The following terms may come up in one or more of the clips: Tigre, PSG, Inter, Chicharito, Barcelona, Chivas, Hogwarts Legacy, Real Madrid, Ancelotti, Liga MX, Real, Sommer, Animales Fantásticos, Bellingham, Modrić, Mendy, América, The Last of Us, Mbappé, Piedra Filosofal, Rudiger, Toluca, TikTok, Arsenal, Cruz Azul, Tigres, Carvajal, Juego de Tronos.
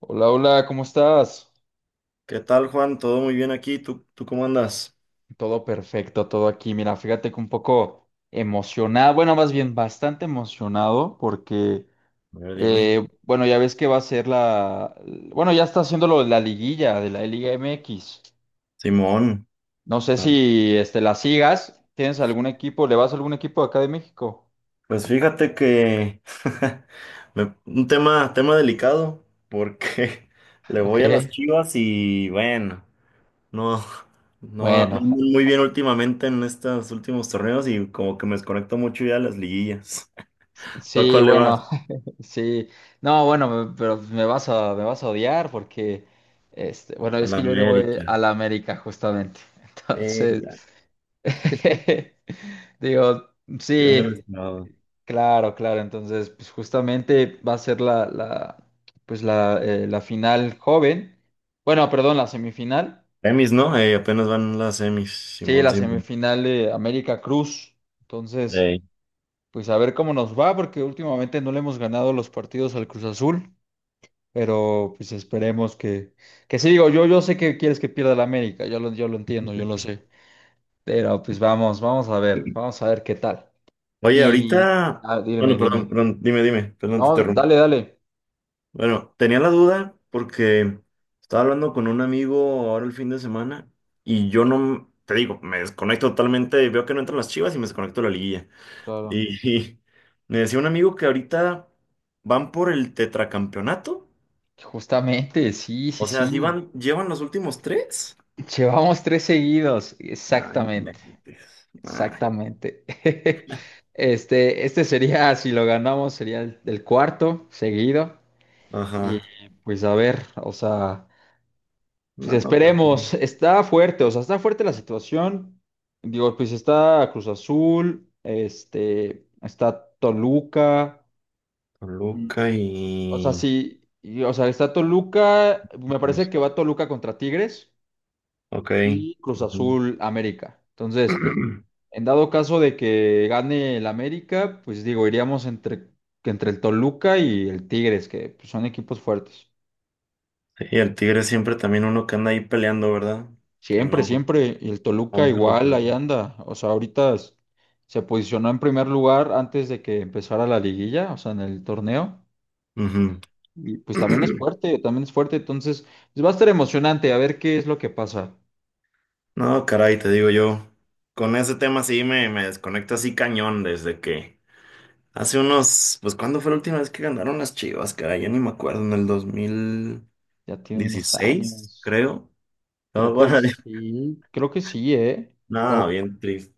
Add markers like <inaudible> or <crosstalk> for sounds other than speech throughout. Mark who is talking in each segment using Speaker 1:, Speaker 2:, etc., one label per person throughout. Speaker 1: Hola, hola, ¿cómo estás?
Speaker 2: ¿Qué tal, Juan? ¿Todo muy bien aquí? ¿¿Tú cómo andas?
Speaker 1: Todo perfecto, todo aquí. Mira, fíjate que un poco emocionado, bueno, más bien bastante emocionado porque,
Speaker 2: A ver, dime.
Speaker 1: bueno, ya ves que va a ser bueno, ya está haciendo lo de la liguilla de la Liga MX.
Speaker 2: Simón.
Speaker 1: No sé
Speaker 2: Ah,
Speaker 1: si la sigas, ¿tienes algún equipo? ¿Le vas a algún equipo de acá de México?
Speaker 2: Pues fíjate que <laughs> un tema, tema delicado, porque <laughs> le voy a las
Speaker 1: Ok.
Speaker 2: Chivas y bueno, no, no, no ando
Speaker 1: Bueno,
Speaker 2: muy bien últimamente en estos últimos torneos y como que me desconecto mucho ya de las liguillas.
Speaker 1: <laughs>
Speaker 2: <laughs> ¿Tú a
Speaker 1: sí,
Speaker 2: cuál le vas?
Speaker 1: bueno, sí, no, bueno, pero me vas me vas a odiar porque, bueno,
Speaker 2: A
Speaker 1: es
Speaker 2: la
Speaker 1: que yo le voy
Speaker 2: América.
Speaker 1: a la América justamente. Entonces,
Speaker 2: Ya,
Speaker 1: <laughs> digo,
Speaker 2: ya me
Speaker 1: sí,
Speaker 2: lo he.
Speaker 1: claro, claro. Entonces, pues justamente va a ser pues la final joven. Bueno, perdón, la semifinal.
Speaker 2: Semis, ¿no? Apenas van las semis,
Speaker 1: Sí,
Speaker 2: Simón,
Speaker 1: la
Speaker 2: Simón.
Speaker 1: semifinal de América Cruz. Entonces,
Speaker 2: Ey.
Speaker 1: pues a ver cómo nos va porque últimamente no le hemos ganado los partidos al Cruz Azul. Pero pues esperemos que sí, digo, yo sé que quieres que pierda la América, yo lo entiendo, yo lo sé. Pero pues vamos, vamos a ver qué tal.
Speaker 2: Oye,
Speaker 1: Y
Speaker 2: ahorita, bueno,
Speaker 1: dime,
Speaker 2: perdón,
Speaker 1: dime.
Speaker 2: perdón, dime, dime, perdón, te
Speaker 1: No,
Speaker 2: interrumpí.
Speaker 1: dale, dale.
Speaker 2: Bueno, tenía la duda porque estaba hablando con un amigo ahora el fin de semana y yo no, te digo, me desconecto totalmente, veo que no entran las Chivas y me desconecto de la liguilla.
Speaker 1: Claro.
Speaker 2: Y, <laughs> y me decía un amigo que ahorita van por el tetracampeonato,
Speaker 1: Justamente, sí, sí,
Speaker 2: o sea, si
Speaker 1: sí.
Speaker 2: van, llevan los últimos tres.
Speaker 1: Llevamos tres seguidos.
Speaker 2: Ay, no
Speaker 1: Exactamente,
Speaker 2: inventes. Ay,
Speaker 1: exactamente. <laughs> Este sería, si lo ganamos, sería el cuarto seguido. Y
Speaker 2: ajá.
Speaker 1: pues a ver, o sea. Pues
Speaker 2: No, pues,
Speaker 1: esperemos, está fuerte, o sea, está fuerte la situación. Digo, pues está Cruz Azul, este, está Toluca, mm,
Speaker 2: Toluca
Speaker 1: o sea,
Speaker 2: y...
Speaker 1: sí, y, o sea, está Toluca, me parece
Speaker 2: pues,
Speaker 1: que va Toluca contra Tigres
Speaker 2: ok.
Speaker 1: y Cruz
Speaker 2: Ujú.
Speaker 1: Azul América. Entonces, en dado caso de que gane el América, pues digo, iríamos entre, que entre el Toluca y el Tigres, que pues, son equipos fuertes.
Speaker 2: ¿Y el tigre siempre también uno que anda ahí peleando, verdad? Que
Speaker 1: Siempre,
Speaker 2: no,
Speaker 1: siempre. Y el
Speaker 2: no
Speaker 1: Toluca
Speaker 2: baja los
Speaker 1: igual,
Speaker 2: brazos.
Speaker 1: ahí anda. O sea, ahorita se posicionó en primer lugar antes de que empezara la liguilla, o sea, en el torneo.
Speaker 2: Ujú.
Speaker 1: Y pues también es fuerte, también es fuerte. Entonces, pues, va a estar emocionante a ver qué es lo que pasa.
Speaker 2: No, caray, te digo yo, con ese tema sí me desconecto así cañón desde que hace unos, pues ¿cuándo fue la última vez que ganaron las Chivas, caray? Ya ni me acuerdo, en el
Speaker 1: Ya
Speaker 2: 2016,
Speaker 1: tiene unos años.
Speaker 2: creo. No, bueno, <laughs>
Speaker 1: Creo que sí, ¿eh?
Speaker 2: nada, bien triste.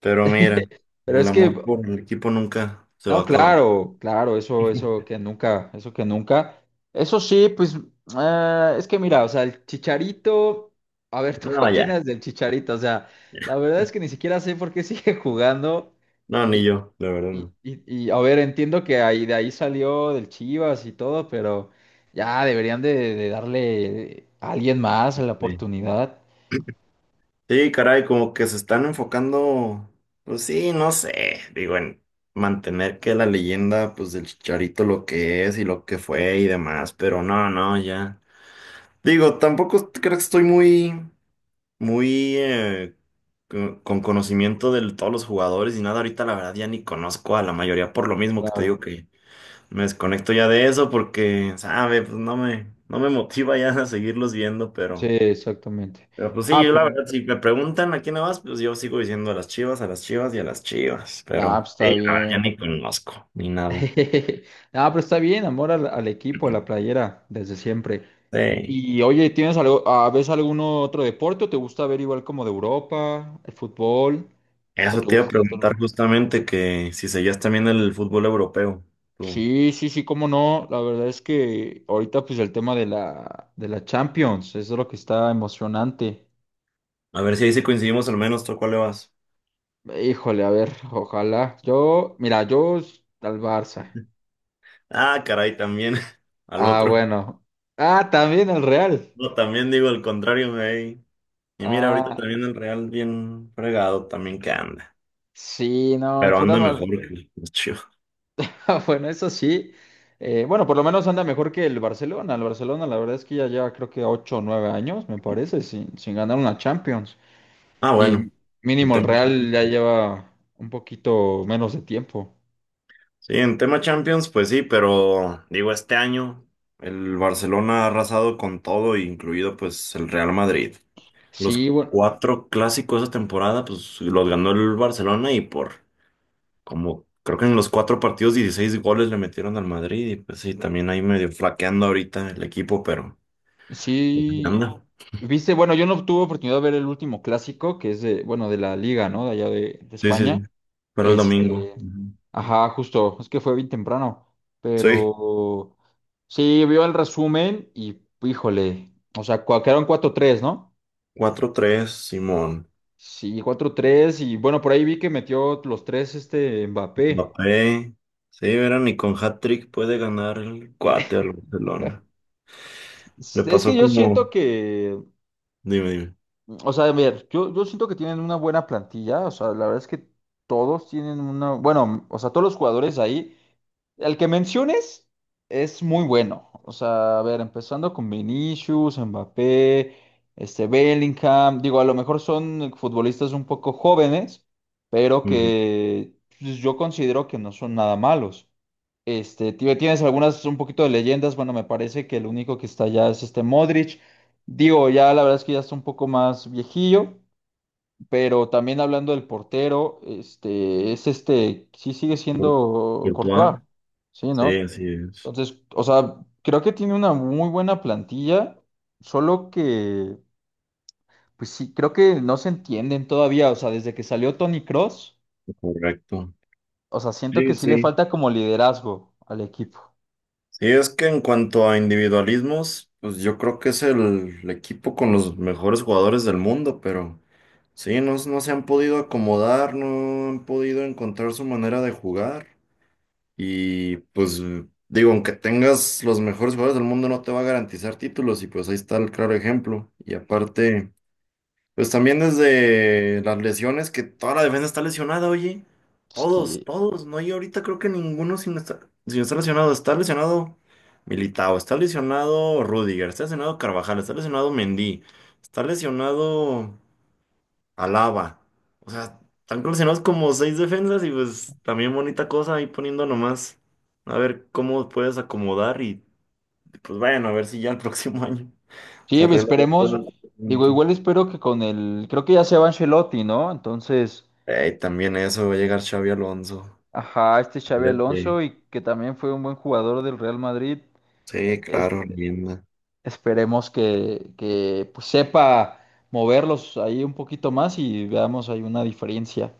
Speaker 2: Pero mira,
Speaker 1: Pero
Speaker 2: el
Speaker 1: es
Speaker 2: amor
Speaker 1: que
Speaker 2: por el equipo nunca se va
Speaker 1: no,
Speaker 2: a acabar.
Speaker 1: claro, claro, eso,
Speaker 2: <laughs>
Speaker 1: eso que nunca, eso que nunca. Eso sí, pues, es que mira, o sea, el Chicharito, a ver, <laughs> ¿tú qué
Speaker 2: No, ya.
Speaker 1: opinas del Chicharito? O sea, la verdad es que ni siquiera sé por qué <laughs> sigue jugando.
Speaker 2: No, ni yo, la verdad no.
Speaker 1: A ver, entiendo que ahí, de ahí salió del Chivas y todo, pero ya deberían de darle a alguien más la
Speaker 2: Sí.
Speaker 1: oportunidad.
Speaker 2: Sí, caray, como que se están enfocando, pues sí, no sé, digo, en mantener que la leyenda, pues del Chicharito lo que es y lo que fue y demás, pero no, no, ya. Digo, tampoco creo que estoy muy con conocimiento de todos los jugadores y nada, ahorita la verdad ya ni conozco a la mayoría por lo mismo que te digo
Speaker 1: Claro,
Speaker 2: que me desconecto ya de eso porque, sabe, pues no no me motiva ya <laughs> a seguirlos viendo,
Speaker 1: sí,
Speaker 2: pero...
Speaker 1: exactamente.
Speaker 2: Pero pues sí,
Speaker 1: Ah,
Speaker 2: yo la
Speaker 1: pero,
Speaker 2: verdad, si me preguntan a quién le vas, pues yo sigo diciendo a las Chivas y a las Chivas. Pero
Speaker 1: pues está
Speaker 2: sí, la verdad, ya
Speaker 1: bien.
Speaker 2: ni conozco, ni nada.
Speaker 1: <laughs> Ah, pero está bien, amor al equipo, a la
Speaker 2: <clears throat>
Speaker 1: playera, desde siempre.
Speaker 2: Sí.
Speaker 1: Y oye, ¿tienes algo, ah, ves algún otro deporte o te gusta ver igual como de Europa, el fútbol? ¿O
Speaker 2: Eso
Speaker 1: te
Speaker 2: te iba a
Speaker 1: gusta
Speaker 2: preguntar
Speaker 1: otro?
Speaker 2: justamente que si seguías también el fútbol europeo, tú.
Speaker 1: Sí, sí, sí, cómo no. La verdad es que ahorita pues el tema de de la Champions, eso es lo que está emocionante.
Speaker 2: A ver si ahí sí coincidimos al menos, ¿tú a cuál le vas?
Speaker 1: Híjole, a ver, ojalá. Yo, mira, al Barça.
Speaker 2: Ah, caray, también <laughs> al
Speaker 1: Ah,
Speaker 2: otro.
Speaker 1: bueno. Ah, también al Real.
Speaker 2: No, también digo el contrario, güey. Y mira, ahorita
Speaker 1: Ah,
Speaker 2: también el Real bien fregado también que anda.
Speaker 1: sí, no,
Speaker 2: Pero
Speaker 1: pura
Speaker 2: anda
Speaker 1: mal.
Speaker 2: mejor que los Chivas.
Speaker 1: Ah, bueno, eso sí. Bueno, por lo menos anda mejor que el Barcelona. El Barcelona, la verdad es que ya lleva creo que 8, o 9 años, me parece, sin ganar una Champions.
Speaker 2: Ah, bueno.
Speaker 1: Y mínimo el Real ya lleva un poquito menos de tiempo.
Speaker 2: Sí, en tema Champions, pues sí, pero digo, este año el Barcelona ha arrasado con todo, incluido pues el Real Madrid. Los
Speaker 1: Sí, bueno,
Speaker 2: cuatro clásicos de esa temporada, pues los ganó el Barcelona y por como creo que en los cuatro partidos 16 goles le metieron al Madrid y pues sí, también ahí medio flaqueando ahorita el equipo, pero pues, ahí
Speaker 1: sí.
Speaker 2: anda.
Speaker 1: Viste, bueno, yo no tuve oportunidad de ver el último clásico, que es de, bueno, de la Liga, ¿no? De allá de
Speaker 2: Sí, sí,
Speaker 1: España.
Speaker 2: sí. Pero el domingo.
Speaker 1: Este,
Speaker 2: Ujú.
Speaker 1: ajá, justo, es que fue bien temprano,
Speaker 2: Sí,
Speaker 1: pero sí, vio el resumen y, híjole, o sea, quedaron cuatro tres, ¿no?
Speaker 2: cuatro tres, Simón.
Speaker 1: Sí, cuatro tres y bueno, por ahí vi que metió los tres este Mbappé.
Speaker 2: Mbappé, sí, verán, y con hat-trick puede ganar el cuate al Barcelona. Le
Speaker 1: Es que
Speaker 2: pasó
Speaker 1: yo
Speaker 2: como,
Speaker 1: siento que
Speaker 2: dime, dime.
Speaker 1: O sea, a ver, yo siento que tienen una buena plantilla, o sea, la verdad es que todos tienen una, bueno, o sea, todos los jugadores ahí, el que menciones es muy bueno, o sea, a ver, empezando con Vinicius, Mbappé, este Bellingham, digo, a lo mejor son futbolistas un poco jóvenes, pero
Speaker 2: Ujú.
Speaker 1: que pues, yo considero que no son nada malos. Tienes algunas un poquito de leyendas. Bueno, me parece que el único que está allá es este Modric. Digo, ya la verdad es que ya está un poco más viejillo, pero también hablando del portero, sí sigue
Speaker 2: Por
Speaker 1: siendo Courtois,
Speaker 2: Courtois.
Speaker 1: sí,
Speaker 2: Sí,
Speaker 1: ¿no?
Speaker 2: así es,
Speaker 1: Entonces, o sea, creo que tiene una muy buena plantilla, solo que, pues sí, creo que no se entienden todavía, o sea, desde que salió Tony Cross,
Speaker 2: correcto.
Speaker 1: o sea, siento que
Speaker 2: Sí,
Speaker 1: sí le
Speaker 2: sí.
Speaker 1: falta como liderazgo al equipo.
Speaker 2: Sí, es que en cuanto a individualismos, pues yo creo que es el equipo con los mejores jugadores del mundo, pero sí, no, no se han podido acomodar, no han podido encontrar su manera de jugar. Y pues digo, aunque tengas los mejores jugadores del mundo, no te va a garantizar títulos y pues ahí está el claro ejemplo. Y aparte, pues también desde las lesiones, que toda la defensa está lesionada, oye. Todos,
Speaker 1: Sí,
Speaker 2: todos. No hay ahorita creo que ninguno sin estar, sin estar lesionado. Está lesionado Militao, está lesionado Rudiger, está lesionado Carvajal, está lesionado Mendy, está lesionado... Alaba. O sea, están coleccionados como seis defensas y pues también bonita cosa ahí poniendo nomás. A ver cómo puedes acomodar y pues bueno, a ver si ya el próximo <laughs> año
Speaker 1: sí,
Speaker 2: se arregla ya todo
Speaker 1: esperemos,
Speaker 2: el
Speaker 1: digo,
Speaker 2: asunto.
Speaker 1: igual espero que con el, creo que ya se va Ancelotti, ¿no? Entonces...
Speaker 2: Ey, también eso, va a llegar Xavi Alonso.
Speaker 1: Ajá, este Xavi
Speaker 2: Vete.
Speaker 1: Alonso y que también fue un buen jugador del Real Madrid.
Speaker 2: Sí,
Speaker 1: Es-
Speaker 2: claro, linda.
Speaker 1: esperemos que, pues, sepa moverlos ahí un poquito más y veamos hay una diferencia.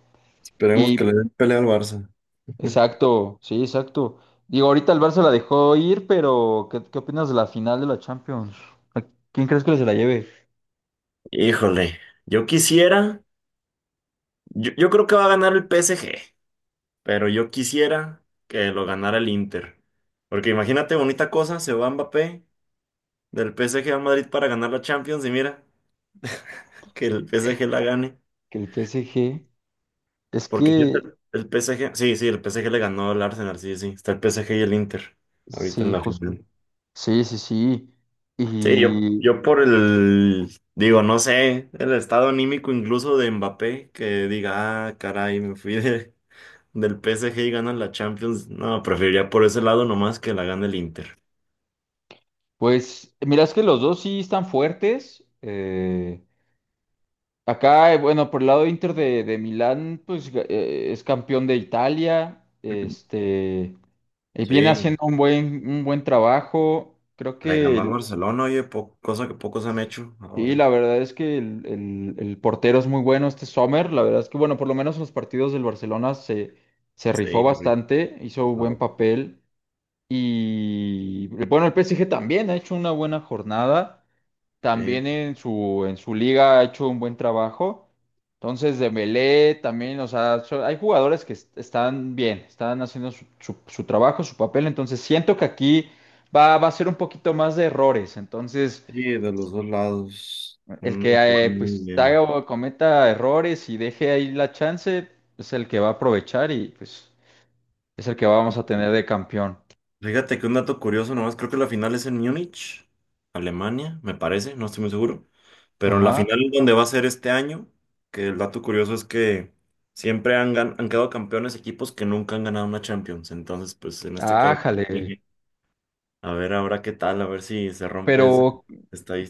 Speaker 2: Esperemos que
Speaker 1: Y
Speaker 2: le den pelea al Barça.
Speaker 1: exacto, sí, exacto. Digo, ahorita el Barça la dejó ir, pero ¿qué, qué opinas de la final de la Champions? ¿A quién crees que se la lleve?
Speaker 2: Híjole, yo quisiera, yo creo que va a ganar el PSG, pero yo quisiera que lo ganara el Inter. Porque imagínate, bonita cosa, se va Mbappé del PSG al Madrid para ganar la Champions y mira, que el PSG la gane.
Speaker 1: Que el PSG. Es
Speaker 2: Porque ya está
Speaker 1: que,
Speaker 2: el PSG, sí, sí, el PSG le ganó al Arsenal, sí, sí, está el PSG y el Inter ahorita en
Speaker 1: sí,
Speaker 2: la
Speaker 1: justo.
Speaker 2: final.
Speaker 1: Sí, sí, sí.
Speaker 2: Sí, yo por el, digo, no sé, el estado anímico incluso de Mbappé, que diga, ah, caray, me fui del PSG y ganan la Champions. No, preferiría por ese lado nomás que la gane el Inter.
Speaker 1: Pues mira, es que los dos sí están fuertes. Bueno, por el lado de Inter de Milán, es campeón de Italia. Viene
Speaker 2: Sí,
Speaker 1: haciendo un buen trabajo.
Speaker 2: le ganó al Barcelona, oye, po- cosa que pocos han hecho
Speaker 1: Sí,
Speaker 2: ahora.
Speaker 1: la verdad es que el portero es muy bueno, este Sommer. La verdad es que, bueno, por lo menos en los partidos del Barcelona se rifó
Speaker 2: Sí,
Speaker 1: bastante, hizo un buen
Speaker 2: rifado.
Speaker 1: papel. Y bueno, el PSG también ha hecho una buena jornada,
Speaker 2: Sí,
Speaker 1: también en en su liga ha hecho un buen trabajo. Entonces, Dembélé también, o sea, hay jugadores que están bien, están haciendo su trabajo, su papel. Entonces, siento que aquí va a ser un poquito más de errores. Entonces,
Speaker 2: sí, de los dos lados.
Speaker 1: el
Speaker 2: Mm,
Speaker 1: que
Speaker 2: jugaron muy
Speaker 1: pues haga
Speaker 2: bien.
Speaker 1: o cometa errores y deje ahí la chance es el que va a aprovechar y pues es el que vamos a tener de campeón.
Speaker 2: Fíjate que un dato curioso nomás, creo que la final es en Múnich, Alemania, me parece, no estoy muy seguro. Pero la
Speaker 1: Ajá.
Speaker 2: final es donde va a ser este año, que el dato curioso es que siempre han, gan- han quedado campeones equipos que nunca han ganado una Champions. Entonces, pues en este caso,
Speaker 1: Ájale.
Speaker 2: a ver ahora qué tal, a ver si se rompe esa
Speaker 1: Pero,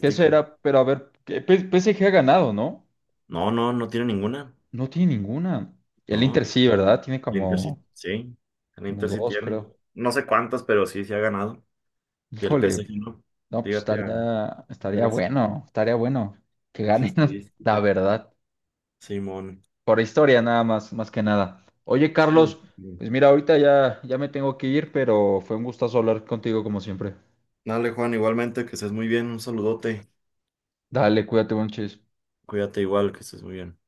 Speaker 1: ¿qué será? Pero a ver, que PSG ha ganado, ¿no?
Speaker 2: No, no, no tiene ninguna.
Speaker 1: No tiene ninguna. El Inter
Speaker 2: No,
Speaker 1: sí, ¿verdad? Tiene
Speaker 2: el Inter sí,
Speaker 1: como,
Speaker 2: sí, el
Speaker 1: como
Speaker 2: Inter sí
Speaker 1: dos,
Speaker 2: tiene.
Speaker 1: creo.
Speaker 2: No sé cuántas, pero sí, sí ha ganado. Y el
Speaker 1: Híjole,
Speaker 2: PSG no.
Speaker 1: no, pues
Speaker 2: Fíjate a
Speaker 1: estaría,
Speaker 2: a ver esa,
Speaker 1: estaría bueno que
Speaker 2: esa
Speaker 1: ganen, <laughs> la
Speaker 2: estadística.
Speaker 1: verdad.
Speaker 2: Simón.
Speaker 1: Por historia nada más, más que nada. Oye,
Speaker 2: Sí.
Speaker 1: Carlos, pues mira, ahorita ya, ya me tengo que ir, pero fue un gustazo hablar contigo como siempre.
Speaker 2: Dale, Juan, igualmente que estés muy bien. Un saludote.
Speaker 1: Dale, cuídate, buen chis.
Speaker 2: Cuídate igual, que estés muy bien.